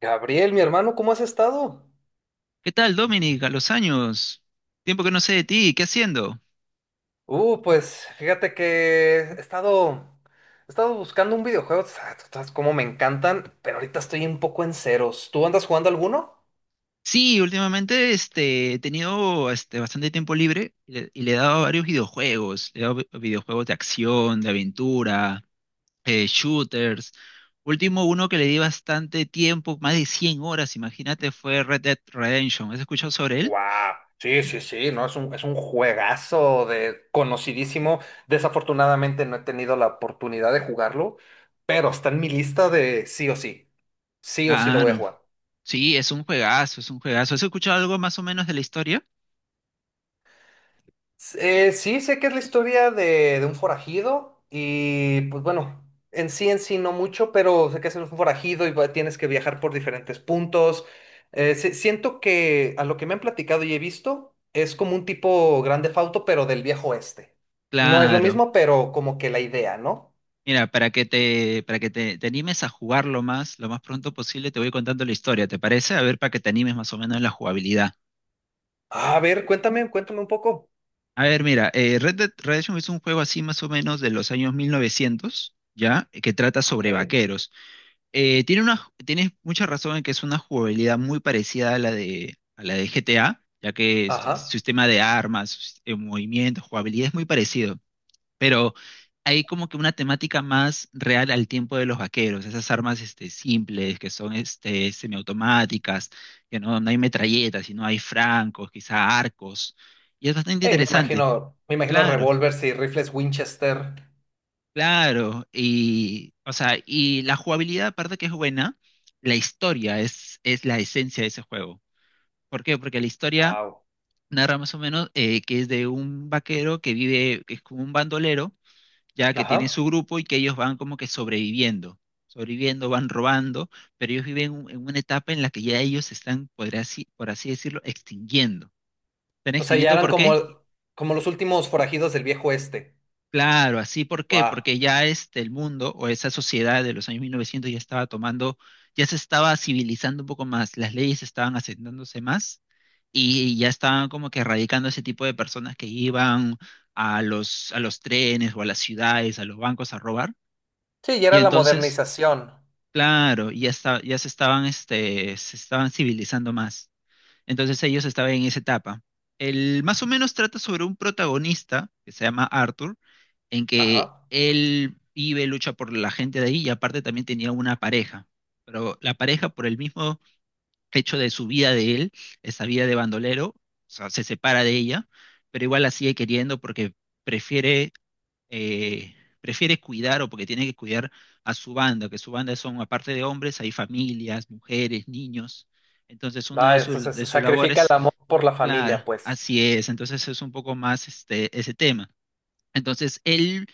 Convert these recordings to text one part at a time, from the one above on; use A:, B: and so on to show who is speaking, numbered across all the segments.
A: Gabriel, mi hermano, ¿cómo has estado?
B: ¿Qué tal, Dominic? A los años. Tiempo que no sé de ti, ¿qué haciendo?
A: Pues fíjate que he estado buscando un videojuego, tú sabes cómo me encantan, pero ahorita estoy un poco en ceros. ¿Tú andas jugando alguno?
B: Sí, últimamente he tenido bastante tiempo libre y le he dado a varios videojuegos. Le he dado videojuegos de acción, de aventura, shooters. Último uno que le di bastante tiempo, más de 100 horas, imagínate, fue Red Dead Redemption. ¿Has escuchado sobre él?
A: ¡Wow! Sí, sí, sí, no, es un juegazo de conocidísimo. Desafortunadamente no he tenido la oportunidad de jugarlo, pero está en mi lista de sí o sí. Sí o sí lo voy a
B: Claro.
A: jugar.
B: Sí, es un juegazo, es un juegazo. ¿Has escuchado algo más o menos de la historia?
A: Sí, sé que es la historia de un forajido y pues bueno, en sí no mucho, pero sé que es un forajido y tienes que viajar por diferentes puntos. Eh, siento que a lo que me han platicado y he visto es como un tipo grande fauto pero del viejo oeste. No es lo
B: Claro.
A: mismo, pero como que la idea, ¿no?
B: Mira, para que te animes a jugarlo más, lo más pronto posible, te voy contando la historia, ¿te parece? A ver, para que te animes más o menos en la jugabilidad.
A: Ah, a ver, cuéntame, cuéntame un poco.
B: A ver, mira, Red Dead Redemption es un juego así más o menos de los años 1900, ¿ya? Que trata
A: Ok.
B: sobre vaqueros. Tiene una, tienes mucha razón en que es una jugabilidad muy parecida a la de GTA, ya que es
A: Ajá.
B: sistema de armas, movimiento, jugabilidad es muy parecido. Pero hay como que una temática más real al tiempo de los vaqueros, esas armas simples que son semiautomáticas, que no, no hay metralletas, sino hay francos, quizá arcos, y es bastante
A: Hey,
B: interesante,
A: me imagino
B: claro,
A: revólveres y rifles Winchester.
B: claro, y, o sea, y la jugabilidad aparte que es buena, la historia es la esencia de ese juego. ¿Por qué? Porque la historia
A: Wow.
B: narra más o menos que es de un vaquero que vive, que es como un bandolero, ya que tienen
A: Ajá.
B: su grupo y que ellos van como que sobreviviendo, sobreviviendo, van robando, pero ellos viven en una etapa en la que ya ellos se están, por así decirlo, extinguiendo. ¿Están
A: O sea, ya
B: extinguiendo
A: eran
B: por qué?
A: como, como los últimos forajidos del viejo este.
B: Claro, así por qué,
A: Wow.
B: porque ya el mundo o esa sociedad de los años 1900 ya estaba tomando, ya se estaba civilizando un poco más, las leyes estaban asentándose más y ya estaban como que erradicando ese tipo de personas que iban a los trenes o a las ciudades, a los bancos a robar.
A: Sí, ya
B: Y
A: era la
B: entonces
A: modernización.
B: claro, y ya ya se estaban, se estaban civilizando más. Entonces ellos estaban en esa etapa. El más o menos trata sobre un protagonista que se llama Arthur, en que
A: Ajá.
B: él vive, lucha por la gente de ahí y aparte también tenía una pareja. Pero la pareja, por el mismo hecho de su vida de él, esa vida de bandolero, o sea, se separa de ella, pero igual la sigue queriendo porque prefiere eh, prefiere cuidar o porque tiene que cuidar a su banda, que su banda son, aparte de hombres, hay familias, mujeres, niños. Entonces, una de,
A: Va,
B: sus
A: entonces
B: de sus
A: sacrifica el
B: labores,
A: amor por la
B: claro,
A: familia, pues.
B: así es. Entonces, es un poco más ese tema. Entonces, él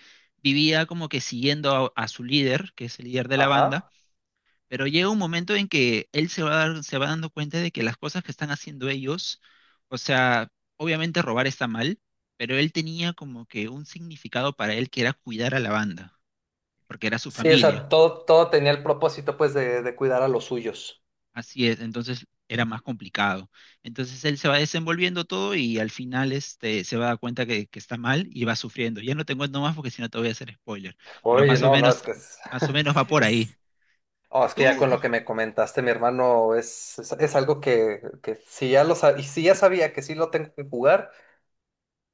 B: vivía como que siguiendo a su líder, que es el líder de la banda.
A: Ajá.
B: Pero llega un momento en que él se va, se va dando cuenta de que las cosas que están haciendo ellos, o sea, obviamente robar está mal, pero él tenía como que un significado para él que era cuidar a la banda, porque era su
A: Sí, o sea,
B: familia.
A: todo, todo tenía el propósito, pues, de cuidar a los suyos.
B: Así es, entonces era más complicado. Entonces él se va desenvolviendo todo y al final se va a dar cuenta que está mal y va sufriendo. Ya no te cuento más porque si no te voy a hacer spoiler, pero
A: Oye, no, no, es que es,
B: más o menos va por ahí.
A: es- oh,
B: ¿Y
A: es que ya
B: tú?
A: con lo que me comentaste, mi hermano, es algo que si ya y si ya sabía que sí lo tengo que jugar.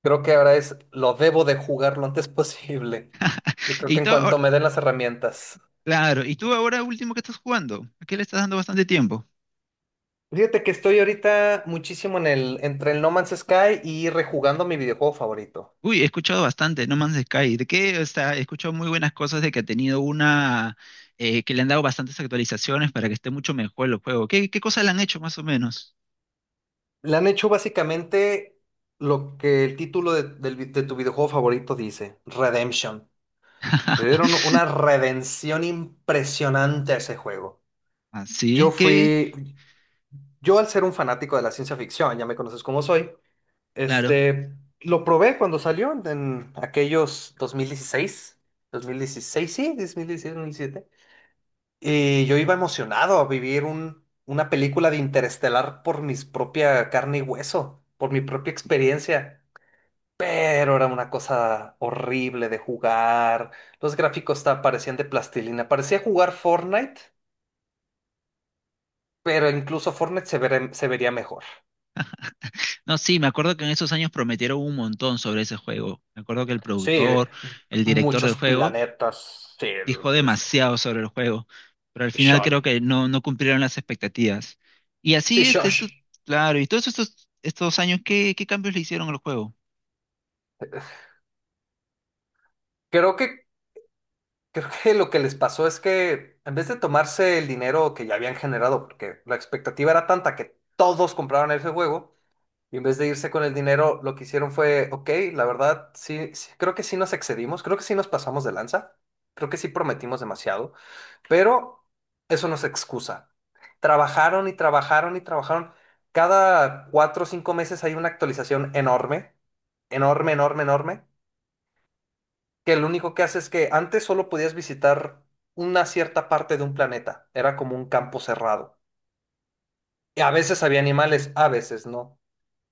A: Creo que ahora es, lo debo de jugar lo antes posible. Yo creo
B: ¿Y
A: que en
B: tú?
A: cuanto me den las herramientas.
B: Claro, y tú ahora último que estás jugando, ¿a qué le estás dando bastante tiempo?
A: Fíjate que estoy ahorita muchísimo en el, entre el No Man's Sky y rejugando mi videojuego favorito.
B: Uy, he escuchado bastante No Man's Sky, de qué o sea, he escuchado muy buenas cosas de que ha tenido una, que le han dado bastantes actualizaciones para que esté mucho mejor el juego. ¿Qué, qué cosas le han hecho más o menos?
A: Le han hecho básicamente lo que el título de de tu videojuego favorito dice, Redemption. Le dieron una redención impresionante a ese juego. Yo
B: Así que,
A: fui, yo, al ser un fanático de la ciencia ficción, ya me conoces como soy,
B: claro.
A: este, lo probé cuando salió en aquellos 2016, 2016, sí, 2016, dos mil 2017. Y yo iba emocionado a vivir una película de Interestelar por mi propia carne y hueso, por mi propia experiencia. Pero era una cosa horrible de jugar. Los gráficos parecían de plastilina. Parecía jugar Fortnite, pero incluso Fortnite se vería mejor.
B: No, sí, me acuerdo que en esos años prometieron un montón sobre ese juego. Me acuerdo que el
A: Sí,
B: productor, el director del
A: muchos
B: juego,
A: planetas. Sí,
B: dijo
A: este,
B: demasiado sobre el juego, pero al final
A: Sean.
B: creo que no, no cumplieron las expectativas. Y
A: Sí,
B: así,
A: Shosh.
B: claro, y todos estos años, ¿qué, qué cambios le hicieron al juego?
A: Creo que, Creo que lo que les pasó es que en vez de tomarse el dinero que ya habían generado, porque la expectativa era tanta que todos compraron ese juego, y en vez de irse con el dinero, lo que hicieron fue, ok, la verdad, sí, sí, creo que sí nos excedimos, creo que sí nos pasamos de lanza, creo que sí prometimos demasiado, pero eso no es excusa. Trabajaron y trabajaron y trabajaron. Cada 4 o 5 meses hay una actualización enorme, enorme, enorme, enorme, que lo único que hace es que antes solo podías visitar una cierta parte de un planeta, era como un campo cerrado. Y a veces había animales, a veces no.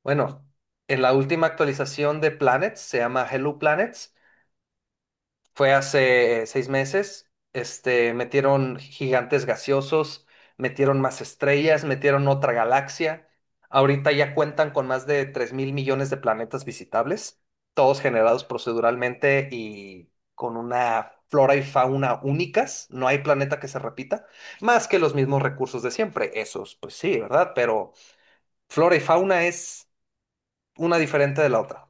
A: Bueno, en la última actualización de Planets, se llama Hello Planet, fue hace 6 meses. Este, metieron gigantes gaseosos, metieron más estrellas, metieron otra galaxia. Ahorita ya cuentan con más de 3 mil millones de planetas visitables, todos generados proceduralmente y con una flora y fauna únicas. No hay planeta que se repita, más que los mismos recursos de siempre. Esos, pues sí, ¿verdad? Pero flora y fauna es una diferente de la otra.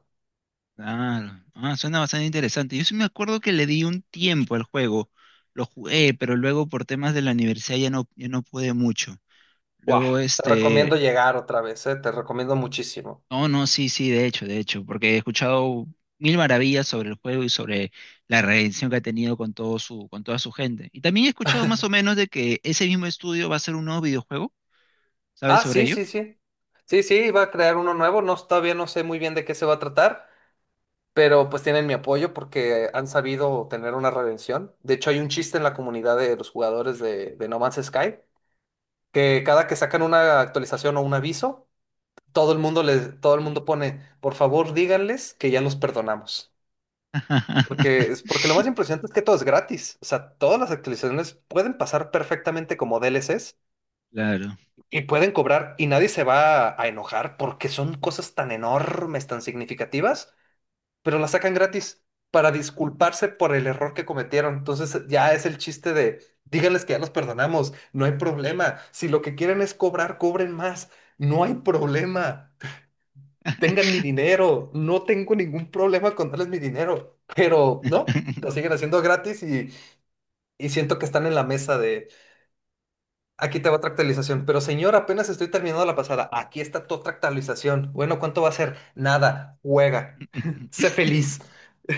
B: Claro, ah, suena bastante interesante. Yo sí me acuerdo que le di un tiempo al juego, lo jugué, pero luego por temas de la universidad ya no, ya no pude mucho.
A: ¡Guau!
B: Luego,
A: Te recomiendo llegar otra vez, ¿eh? Te recomiendo muchísimo.
B: no, no, sí, sí, de hecho, porque he escuchado mil maravillas sobre el juego y sobre la redención que ha tenido con todo su, con toda su gente. Y también he escuchado más o menos de que ese mismo estudio va a hacer un nuevo videojuego. ¿Sabes
A: Ah,
B: sobre
A: sí,
B: ello?
A: sí, sí. Sí, sí, va a crear uno nuevo. No, todavía no sé muy bien de qué se va a tratar, pero pues tienen mi apoyo porque han sabido tener una redención. De hecho, hay un chiste en la comunidad de los jugadores de No Man's Sky que cada que sacan una actualización o un aviso, todo el mundo pone, por favor, díganles que ya los perdonamos. Porque es porque lo más impresionante es que todo es gratis. O sea, todas las actualizaciones pueden pasar perfectamente como DLCs.
B: Claro.
A: Y pueden cobrar y nadie se a enojar porque son cosas tan enormes, tan significativas, pero las sacan gratis para disculparse por el error que cometieron. Entonces ya es el chiste de, díganles que ya los perdonamos, no hay problema. Si lo que quieren es cobrar, cobren más, no hay problema. Tengan mi dinero, no tengo ningún problema con darles mi dinero, pero no, lo siguen haciendo gratis y siento que están en la mesa de: aquí te va otra actualización. Pero señor, apenas estoy terminando la pasada. Aquí está tu otra actualización. Bueno, ¿cuánto va a ser? Nada. Juega. Sé feliz.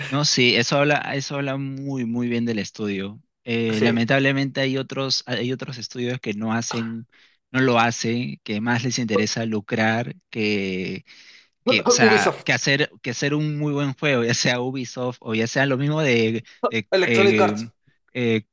B: No, sí, eso habla muy, muy bien del estudio.
A: Sí.
B: Lamentablemente hay otros estudios que no hacen, no lo hacen, que más les interesa lucrar que, o sea,
A: Ubisoft.
B: que hacer un muy buen juego, ya sea Ubisoft o ya sea lo mismo de, de,
A: Electronic
B: eh,
A: Arts.
B: eh,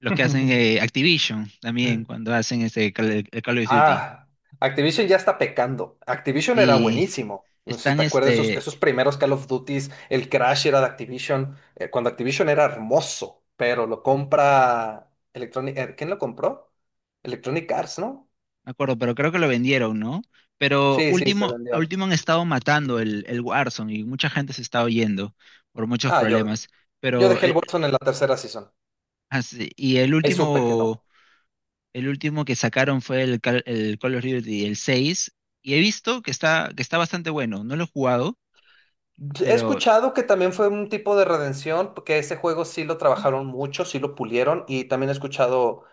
B: los que hacen Activision también cuando hacen este Call of Duty.
A: Ah, Activision ya está pecando. Activision era
B: Y
A: buenísimo. No sé si
B: están
A: te acuerdas esos, esos primeros Call of Duties, el Crash era de Activision, cuando Activision era hermoso, pero lo compra Electronic, ¿quién lo compró? Electronic Arts, ¿no?
B: me acuerdo, pero creo que lo vendieron, ¿no? Pero
A: Sí, sí, se
B: último, a
A: vendió.
B: último han estado matando el Warzone y mucha gente se está oyendo por muchos
A: Ah, yo,
B: problemas.
A: Yo
B: Pero,
A: dejé el Watson en la tercera season.
B: y el
A: Ahí supe que
B: último.
A: no.
B: El último que sacaron fue el Call of Duty, el 6 y he visto que está bastante bueno. No lo he jugado,
A: He
B: pero
A: escuchado que también fue un tipo de redención, porque ese juego sí lo trabajaron mucho, sí lo pulieron, y también he escuchado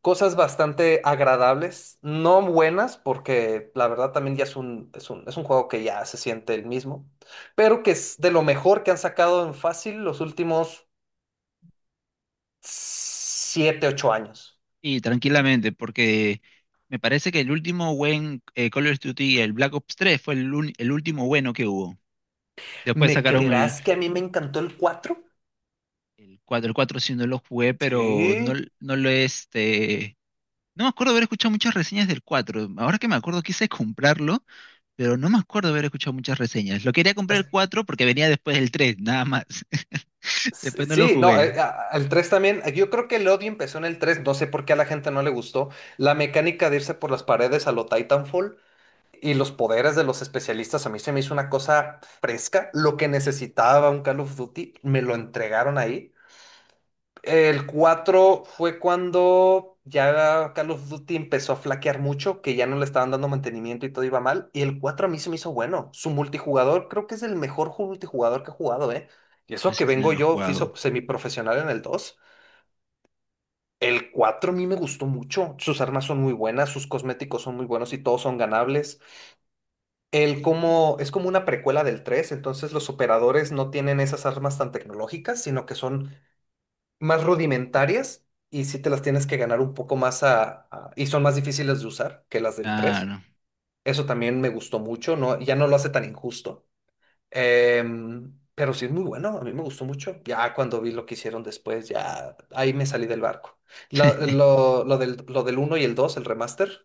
A: cosas bastante agradables, no buenas, porque la verdad también ya es un juego que ya se siente el mismo, pero que es de lo mejor que han sacado en fácil los últimos 7 u 8 años.
B: y tranquilamente, porque me parece que el último buen Call of Duty, el Black Ops 3 fue el último bueno que hubo. Después
A: ¿Me
B: sacaron el,
A: creerás que a mí me encantó el 4?
B: el cuatro. El 4 sí no lo jugué, pero no,
A: Sí,
B: no lo No me acuerdo haber escuchado muchas reseñas del cuatro. Ahora que me acuerdo quise comprarlo, pero no me acuerdo haber escuchado muchas reseñas. Lo quería comprar el 4 porque venía después del 3 nada más. Después no lo
A: sí, no,
B: jugué.
A: al 3 también, yo creo que el odio empezó en el 3. No sé por qué a la gente no le gustó, la mecánica de irse por las paredes a lo Titanfall y los poderes de los especialistas, a mí se me hizo una cosa fresca, lo que necesitaba un Call of Duty, me lo entregaron ahí. El 4 fue cuando ya Call of Duty empezó a flaquear mucho, que ya no le estaban dando mantenimiento y todo iba mal. Y el 4 a mí se me hizo bueno. Su multijugador creo que es el mejor multijugador que he jugado, ¿eh? Y
B: No
A: eso que
B: sé si no
A: vengo
B: lo he
A: yo, fui
B: jugado.
A: semiprofesional en el dos. El 4 a mí me gustó mucho. Sus armas son muy buenas, sus cosméticos son muy buenos y todos son ganables. El como, es como una precuela del tres, entonces los operadores no tienen esas armas tan tecnológicas, sino que son más rudimentarias y sí te las tienes que ganar un poco más y son más difíciles de usar que las del tres.
B: Claro.
A: Eso también me gustó mucho, no, ya no lo hace tan injusto. Pero sí es muy bueno, a mí me gustó mucho. Ya cuando vi lo que hicieron después, ya ahí me salí del barco. Lo del uno y el dos, el remaster,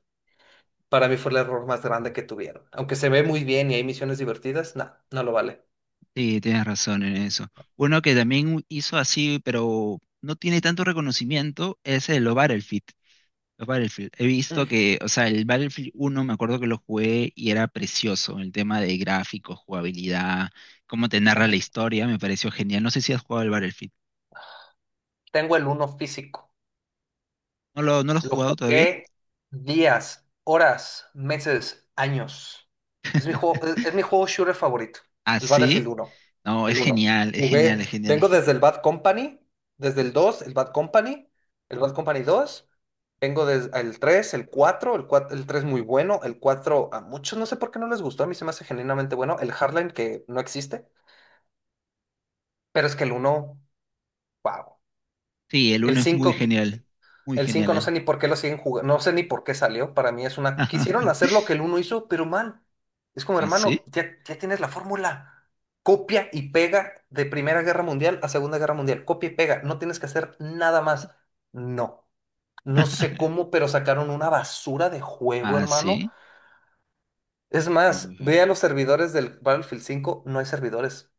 A: para mí fue el error más grande que tuvieron. Aunque se ve muy bien y hay misiones divertidas, no, no lo vale.
B: Sí, tienes razón en eso. Uno que también hizo así, pero no tiene tanto reconocimiento, es el Battlefield. Los Battlefield. He visto
A: Mm,
B: que, o sea, el Battlefield uno me acuerdo que lo jugué y era precioso. El tema de gráficos, jugabilidad, cómo te narra la
A: aquí
B: historia, me pareció genial. No sé si has jugado el Battlefield.
A: tengo el uno físico.
B: ¿No lo has
A: Lo
B: jugado todavía?
A: jugué días, horas, meses, años. Es mi juego, es mi juego shooter favorito,
B: ¿Ah,
A: el Battlefield
B: sí?
A: uno.
B: No, es
A: El uno
B: genial, es genial,
A: jugué,
B: es genial.
A: vengo desde el Bad Company, desde el dos, el Bad Company dos. Vengo desde el tres, el cuatro, el 3 muy bueno, el 4 a muchos no sé por qué no les gustó, a mí se me hace genuinamente bueno, el Hardline que no existe, pero es que el uno, wow.
B: Sí, el
A: El
B: uno es muy
A: cinco.
B: genial. Muy
A: El 5
B: genial
A: no sé
B: él.
A: ni por qué lo siguen jugando, no sé ni por qué salió. Para mí es una... Quisieron hacer lo que el uno hizo, pero mal. Es como
B: ¿Ah,
A: hermano,
B: sí?
A: ya tienes la fórmula. Copia y pega de Primera Guerra Mundial a Segunda Guerra Mundial. Copia y pega, no tienes que hacer nada más. No, no sé cómo, pero sacaron una basura de juego,
B: Ah,
A: hermano.
B: sí.
A: Es más,
B: Ujú,
A: ve a los servidores del Battlefield cinco, no hay servidores.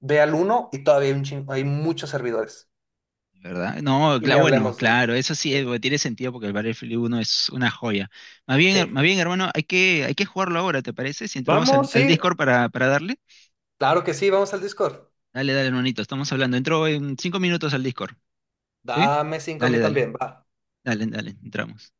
A: Ve al uno y todavía hay muchos servidores.
B: ¿verdad? No,
A: Y ni
B: bueno,
A: hablemos del...
B: claro, eso sí
A: Eh,
B: tiene sentido porque el Battlefield uno es una joya.
A: sí.
B: Más bien, hermano, hay que jugarlo ahora, ¿te parece? Si entramos al,
A: Vamos,
B: al
A: sí,
B: Discord para darle.
A: claro que sí, vamos al Discord.
B: Dale, dale, hermanito, estamos hablando. Entro en cinco minutos al Discord, ¿sí?
A: Dame 5 a
B: Dale,
A: mí
B: dale,
A: también, va.
B: dale, dale, entramos.